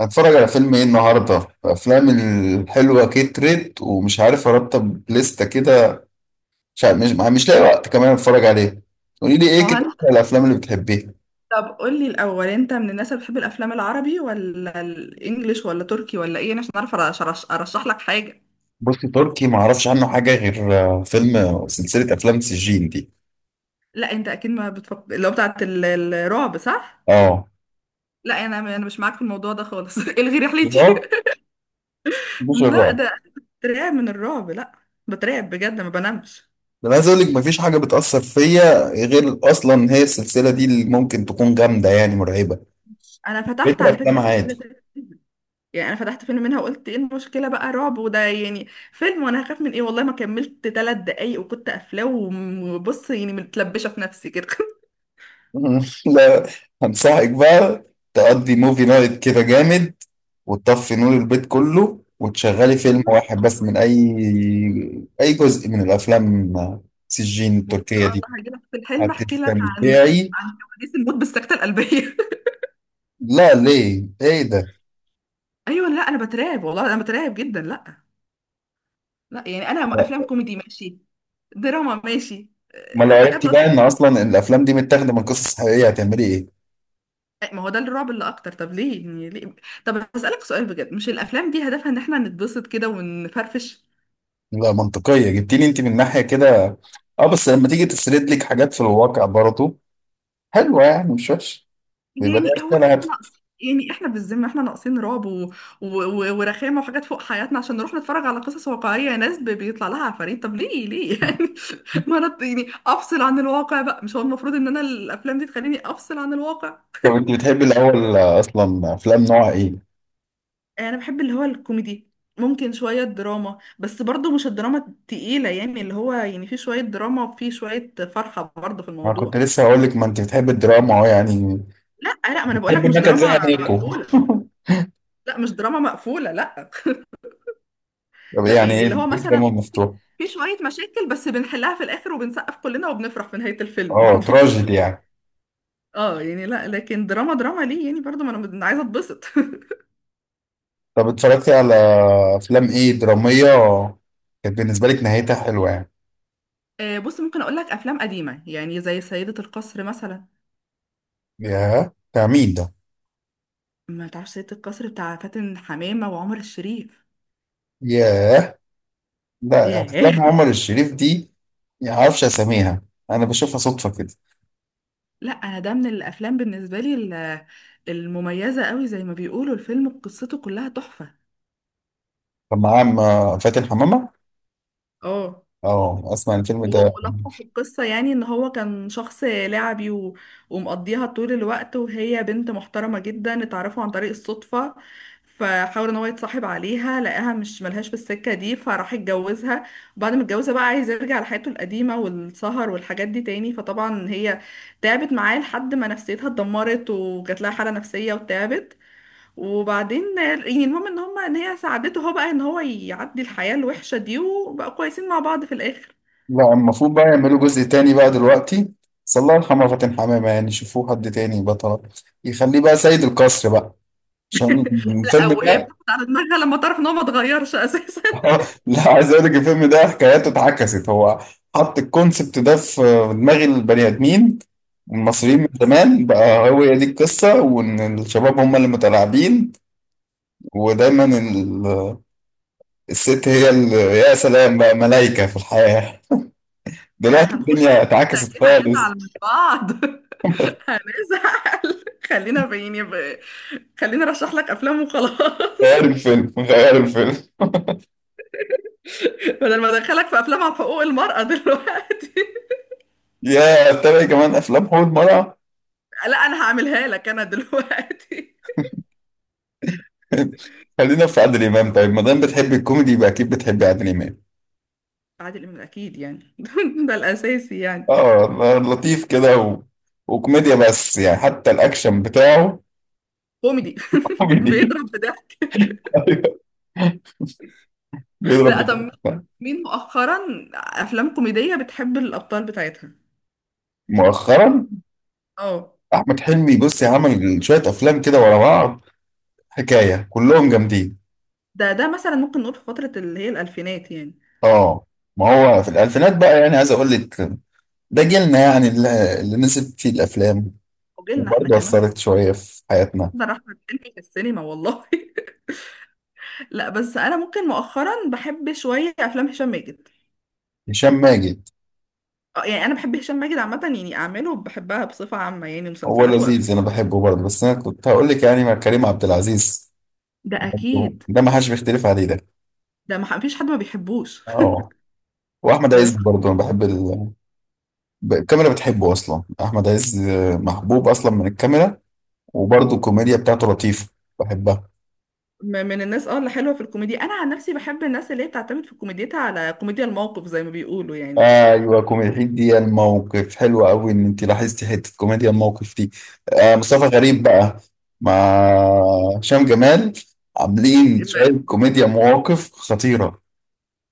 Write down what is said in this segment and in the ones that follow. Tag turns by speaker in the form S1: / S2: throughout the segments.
S1: هتفرج على فيلم ايه النهارده؟ افلام الحلوه كترت ومش عارف ارتب لستة كده. مش عارف، مش لاقي وقت كمان اتفرج عليه. قولي لي
S2: ما
S1: ايه
S2: هو
S1: كده
S2: انت،
S1: أكتر الافلام اللي بتحبيها.
S2: طب قول لي الاول انت من الناس اللي بتحب الافلام العربي ولا الانجليش ولا تركي ولا ايه عشان اعرف ارشح لك حاجه؟
S1: بصي، تركي ما اعرفش عنه حاجه غير فيلم، سلسله افلام سجين دي.
S2: لا، انت اكيد ما بتفكر اللي هو بتاعت الرعب، صح؟
S1: اه.
S2: لا، انا مش معاك في الموضوع ده خالص. الغي رحلتي.
S1: اه، مش
S2: لا
S1: الرعب.
S2: ده، بترعب من الرعب، لا، بترعب بجد ما بنامش.
S1: ده انا عايز اقول لك مفيش حاجه بتاثر فيا غير اصلا هي السلسله دي اللي ممكن تكون جامده يعني مرعبه.
S2: انا
S1: بقيت
S2: فتحت على فكره
S1: الافلام
S2: قبل كده
S1: عادي.
S2: 3 فيلم. يعني انا فتحت فيلم منها وقلت ايه المشكله بقى، رعب وده يعني فيلم وانا هخاف من ايه، والله ما كملت 3 دقايق وكنت قافلاه وبص يعني متلبشه في نفسي كده.
S1: لا، هنصحك بقى تقضي موفي نايت كده جامد وتطفي نور البيت كله وتشغلي فيلم واحد بس من أي أي جزء من الأفلام سجين
S2: وان شاء
S1: التركية دي،
S2: الله هجيلك في الحلم احكي لك عن
S1: هتستمتعي.
S2: عن كواليس الموت بالسكته القلبيه.
S1: لا ليه؟ إيه ده؟
S2: ايوه، لا انا بترعب والله انا بترعب جدا، لا، لا يعني انا افلام
S1: لا.
S2: كوميدي ماشي، دراما ماشي،
S1: ما لو
S2: حاجات
S1: عرفتي بقى إن
S2: لطيفه.
S1: أصلا الأفلام دي متاخدة من قصص حقيقية، هتعملي إيه؟
S2: ما هو ده الرعب اللي اكتر، طب ليه، يعني ليه؟ طب هسألك سؤال بجد، مش الافلام دي هدفها ان احنا نتبسط كده ونفرفش؟
S1: لا، منطقية جبتيني أنت من ناحية كده. أه، بس لما تيجي تسرد لك حاجات في الواقع برضه حلوة، يعني مش وحش، بيبقى ليها
S2: يعني هو
S1: رسالة
S2: احنا
S1: هادفة.
S2: ناقص؟ يعني احنا بالذمه احنا ناقصين رعب ورخامه وحاجات فوق حياتنا عشان نروح نتفرج على قصص واقعيه يا ناس، بيطلع لها عفاريت، طب ليه ليه؟ يعني ما انا يعني افصل عن الواقع بقى، مش هو المفروض ان انا الافلام دي تخليني افصل عن الواقع؟
S1: طب أنت بتحبي الأول أصلا أفلام نوع إيه؟
S2: انا بحب اللي هو الكوميدي، ممكن شويه دراما بس برضو مش الدراما التقيله، يعني اللي هو يعني في شويه دراما وفي شويه فرحه برضو في
S1: أنا كنت
S2: الموضوع.
S1: لسه هقول لك، ما أنت بتحبي الدراما أهو يعني.
S2: لا لا، ما انا
S1: أحب
S2: بقولك مش
S1: إنك زي
S2: دراما
S1: أنيكو.
S2: مقفوله، لا مش دراما مقفوله، لا،
S1: طب
S2: لا
S1: يعني
S2: يعني
S1: ايه
S2: اللي هو
S1: إيه
S2: مثلا
S1: الدراما المفتوحة؟
S2: في شوية مشاكل بس بنحلها في الآخر وبنسقف كلنا وبنفرح في نهاية الفيلم
S1: اه
S2: يعني.
S1: تراجيدي يعني.
S2: اه، يعني لا، لكن دراما دراما ليه يعني؟ برضو ما انا عايزة اتبسط.
S1: طب اتفرجتي على افلام ايه درامية كانت بالنسبة لك نهايتها حلوة يعني؟
S2: آه، بص، ممكن اقول لك افلام قديمة يعني زي سيدة القصر مثلا.
S1: ياه، بتاع مين ده؟
S2: ما تعرفش سيدة القصر بتاع فاتن حمامة وعمر الشريف؟
S1: ياه. لا، افلام
S2: ياه.
S1: عمر الشريف دي ما اعرفش اساميها، انا بشوفها صدفة كده.
S2: لا انا ده من الافلام بالنسبة لي المميزة قوي، زي ما بيقولوا الفيلم قصته كلها تحفة.
S1: كان معاه فاتن حمامة.
S2: اه.
S1: اه، اسمع الفيلم
S2: هو
S1: ده.
S2: ملخص القصة يعني ان هو كان شخص لعبي ومقضيها طول الوقت، وهي بنت محترمة جدا اتعرفوا عن طريق الصدفة، فحاول ان هو يتصاحب عليها لقاها مش ملهاش بالسكة دي فراح يتجوزها، وبعد ما اتجوزها بقى عايز يرجع لحياته القديمة والسهر والحاجات دي تاني، فطبعا هي تعبت معاه لحد ما نفسيتها اتدمرت وجات لها حالة نفسية وتعبت، وبعدين يعني المهم ان هما ان هي ساعدته هو بقى ان هو يعدي الحياة الوحشة دي وبقى كويسين مع بعض في الاخر.
S1: لا، المفروض بقى يعملوا جزء تاني بقى دلوقتي، بس الله يرحمه فاتن حمامة، يعني شوفوه حد تاني بطل يخليه بقى سيد القصر بقى عشان الفيلم
S2: او هي
S1: ده.
S2: بتاخد على دماغها لما تعرف ان هو ما اتغيرش اساسا.
S1: لا، عايز اقول لك الفيلم ده حكاياته اتعكست. هو حط الكونسبت ده في دماغ البني ادمين المصريين من زمان بقى، هو هي دي القصة، وإن الشباب هم اللي متلاعبين ودايما الست هي اللي يا سلام بقى ملايكة في الحياة. دلوقتي
S2: هنخش في
S1: الدنيا
S2: الحته
S1: اتعكست
S2: دي هنزعل
S1: خالص.
S2: من بعض. هنزعل. خلينا خليني ارشح لك افلام وخلاص.
S1: غير الفيلم، غير الفيلم.
S2: بدل ما ادخلك في افلام عن حقوق المرأة دلوقتي.
S1: يا تابع كمان أفلام حول مرة.
S2: لا انا هعملها لك انا دلوقتي.
S1: خلينا في عادل إمام، طيب ما دام بتحب الكوميدي يبقى أكيد بتحب عادل إمام.
S2: عادل امام اكيد يعني. ده الاساسي يعني.
S1: اه، لطيف كده وكوميديا، بس يعني حتى الاكشن بتاعه
S2: كوميدي.
S1: كوميدي.
S2: بيضرب بده.
S1: أيوة. بيضرب
S2: لا طب،
S1: بالضرب.
S2: مين مؤخرا افلام كوميدية بتحب الابطال بتاعتها؟
S1: مؤخرا
S2: اه.
S1: احمد حلمي، بص، عمل شويه افلام كده ورا بعض حكايه كلهم جامدين.
S2: ده مثلا ممكن نقول في فترة اللي هي الألفينات يعني.
S1: اه. ما هو في الالفينات بقى يعني عايز اقول لك ده جيلنا يعني اللي نسب فيه الافلام
S2: وجيلنا احنا
S1: وبرضه
S2: كمان
S1: اثرت
S2: والله.
S1: شويه في حياتنا.
S2: ده أحمد حلمي في السينما والله. لا بس أنا ممكن مؤخرا بحب شوية أفلام هشام ماجد.
S1: هشام ماجد؟
S2: آه، يعني أنا بحب هشام ماجد عامة، يعني أعماله بحبها بصفة عامة، يعني
S1: هو
S2: مسلسلات
S1: لذيذ
S2: وأفلام.
S1: انا بحبه برضه، بس انا كنت هقول لك يعني مع كريم عبد العزيز
S2: ده
S1: برضه،
S2: أكيد.
S1: ده ما حدش بيختلف عليه ده.
S2: ده ما فيش حد ما بيحبوش.
S1: اه. واحمد عز برضه انا بحب الكاميرا بتحبه اصلا احمد عز، محبوب اصلا من الكاميرا. وبرضه الكوميديا بتاعته لطيفه، بحبها.
S2: من الناس اه اللي حلوة في الكوميديا، أنا عن نفسي بحب الناس اللي هي بتعتمد في كوميديتها على كوميديا الموقف زي ما بيقولوا يعني.
S1: ايوه، كوميديا دي الموقف حلوه قوي ان انت لاحظتي حته كوميديا الموقف دي. آه، مصطفى غريب بقى مع هشام جمال عاملين
S2: إما
S1: شويه كوميديا مواقف خطيره.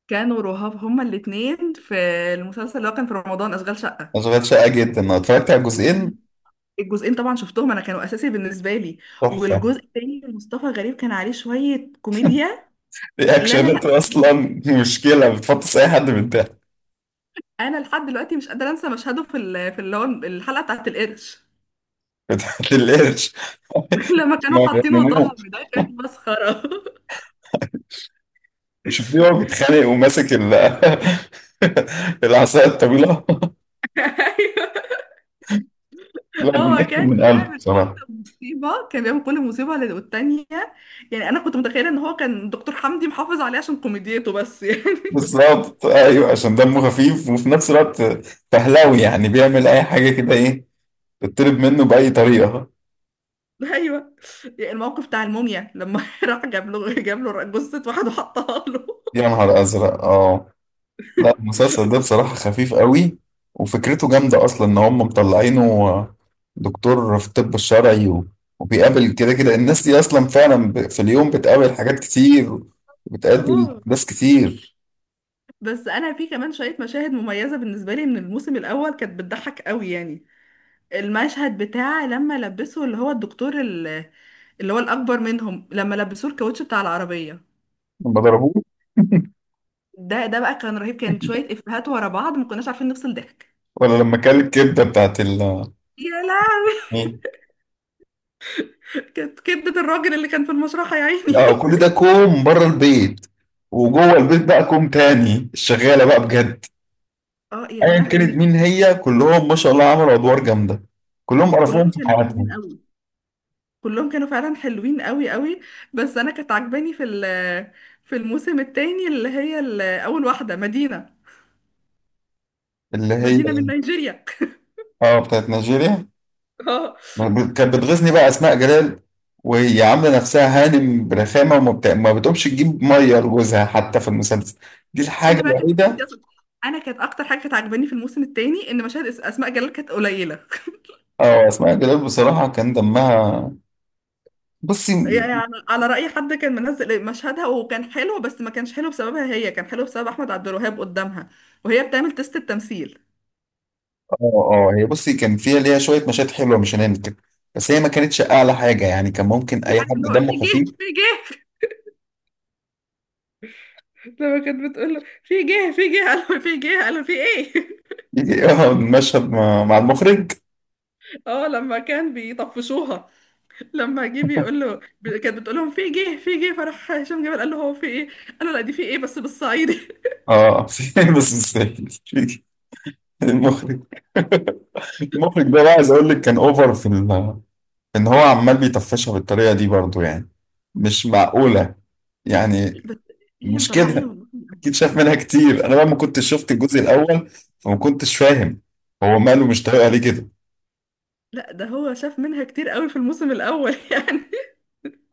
S2: كانوا رهاب هما الاتنين في المسلسل اللي هو كان في رمضان، أشغال شقة.
S1: اشغال شاقه جدا، انا اتفرجت على الجزئين،
S2: الجزئين طبعا شفتهم انا، كانوا اساسي بالنسبه لي.
S1: تحفه.
S2: والجزء التاني مصطفى غريب كان عليه شويه كوميديا. لا لا لا.
S1: رياكشنات اصلا مشكله، بتفطس اي حد من ده.
S2: انا لحد دلوقتي مش قادره انسى مشهده في اللي هو الحلقه بتاعت القرش.
S1: بتاعت القرش.
S2: لما كانوا
S1: ما
S2: حاطينه
S1: بيغنموه،
S2: طعم، ده كان مسخره.
S1: مش بيقعد بيتخانق وماسك العصاية الطويلة.
S2: ايوه،
S1: لا
S2: هو
S1: بيقفل
S2: كان
S1: من قلبه
S2: بيعمل كل
S1: بصراحة.
S2: مصيبه كان بيعمل كل مصيبه والتانيه، يعني انا كنت متخيله ان هو كان دكتور حمدي محافظ عليه عشان كوميديته بس يعني.
S1: بالظبط، ايوه، عشان دمه خفيف وفي نفس الوقت فهلاوي، يعني بيعمل اي حاجة كده ايه تطلب منه بأي طريقة.
S2: ايوه، يعني الموقف بتاع الموميا لما راح جاب له جثه واحد وحطها له.
S1: يا نهار ازرق، اه. لا، المسلسل ده بصراحة خفيف قوي، وفكرته جامدة أصلا إن هم مطلعينه دكتور في الطب الشرعي وبيقابل كده كده الناس دي أصلا فعلا في اليوم بتقابل حاجات كتير وبتقابل
S2: اه.
S1: أحداث كتير.
S2: بس انا في كمان شويه مشاهد مميزه بالنسبه لي من الموسم الاول، كانت بتضحك قوي يعني. المشهد بتاع لما لبسوا اللي هو الدكتور اللي هو الاكبر منهم لما لبسوه الكاوتش بتاع العربيه،
S1: لما ضربوه.
S2: ده ده بقى كان رهيب، كان شويه افيهات ورا بعض ما كناش عارفين نفصل ضحك.
S1: ولا لما كل الكبدة بتاعت ال،
S2: يا لهوي.
S1: مين؟
S2: كانت كبده الراجل اللي كان في المشرحه يا عيني.
S1: لا، وكل ده كوم بره البيت، وجوه البيت بقى كوم تاني الشغالة بقى بجد.
S2: اه يا
S1: أيا كانت
S2: لهوي.
S1: مين هي، كلهم ما شاء الله عملوا أدوار جامدة، كلهم قرفوهم
S2: كلهم
S1: في
S2: كانوا حلوين
S1: حياتهم.
S2: قوي، كلهم كانوا فعلا حلوين قوي قوي. بس انا كانت عجباني في الموسم التاني اللي هي اول واحده مدينه،
S1: اللي هي،
S2: مدينة من نيجيريا.
S1: اه، بتاعت نيجيريا.
S2: اه.
S1: ما كانت بتغيظني بقى اسماء جلال وهي عامله نفسها هانم برخامه ما بتقومش تجيب ميه لجوزها حتى في المسلسل، دي الحاجه
S2: انا بقى كانت
S1: الوحيده.
S2: مشكلتي اصلا، انا كانت اكتر حاجه كانت عاجباني في الموسم الثاني ان مشاهد اسماء جلال كانت قليله.
S1: اه، اسماء جلال بصراحه كان دمها، بصي.
S2: يعني على راي حد كان منزل مشهدها وكان حلو، بس ما كانش حلو بسببها هي، كان حلو بسبب احمد عبد الوهاب قدامها وهي بتعمل تيست التمثيل.
S1: اه. اه، هي بصي كان فيها ليها شويه مشاهد حلوه مش هننكر، بس هي ما كانتش اعلى حاجه يعني، كان ممكن اي
S2: عارف
S1: حد
S2: اللي هو في
S1: دمه خفيف.
S2: جه في جه. لما كانت بتقول له في جه في جه، قالوا في جه قالوا في ايه.
S1: يجي، اه، المشهد مع مع المخرج.
S2: اه، لما كان بيطفشوها لما جه بيقول له، كانت بتقول لهم في جه في جه، فراح هشام جبل قال له هو في ايه، قال له لا دي في ايه بس بالصعيدي.
S1: اه. في، بس مستاهل المخرج. المخرج ده بقى عايز اقول لك كان اوفر في ال، ان هو عمال بيطفشها بالطريقه دي برضو يعني، مش معقوله يعني.
S2: بس هي
S1: مش
S2: مطلعه عينه
S1: كده،
S2: من الموسم
S1: اكيد
S2: الاول.
S1: شاف منها كتير. انا بقى ما كنتش شفت الجزء الاول فما كنتش فاهم هو ماله مش طايقها ليه كده.
S2: لا، ده هو شاف منها كتير قوي في الموسم الاول. يعني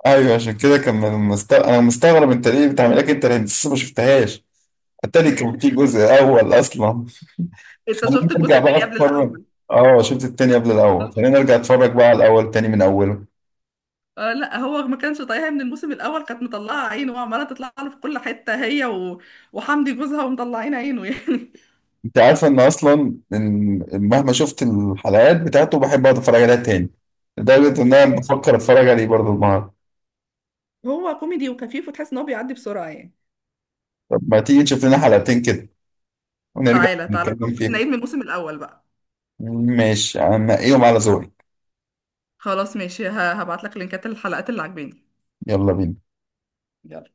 S1: ايوه، عشان كده كان انا مستغرب انت ليه بتعمل لك، انت لسه ما شفتهاش التاني كان في جزء اول اصلا.
S2: انت
S1: خلينا
S2: شفت الجزء
S1: نرجع بقى
S2: التاني قبل
S1: اتفرج.
S2: الاول؟
S1: اه، شفت التاني قبل الاول، خلينا نرجع اتفرج بقى على الاول تاني من اوله.
S2: آه، لا هو ما كانش طايقها من الموسم الاول، كانت مطلعه عينه وعماله تطلع له في كل حته، هي وحمدي جوزها ومطلعين عينه يعني.
S1: انت عارفه ان اصلا ان مهما شفت الحلقات بتاعته بحب اقعد اتفرج عليها تاني، لدرجه ان انا بفكر اتفرج عليه برضه النهارده.
S2: هو كوميدي وخفيف وتحس ان هو بيعدي بسرعه يعني.
S1: طب ما تيجي نشوف لنا حلقتين كده ونرجع
S2: تعالى تعالى،
S1: نتكلم
S2: بس
S1: فيها.
S2: نعيد من الموسم الاول بقى.
S1: ماشي، انا هنقيهم على ذوقي.
S2: خلاص ماشي، هبعت لك لينكات الحلقات اللي عاجباني.
S1: يلا بينا.
S2: يلا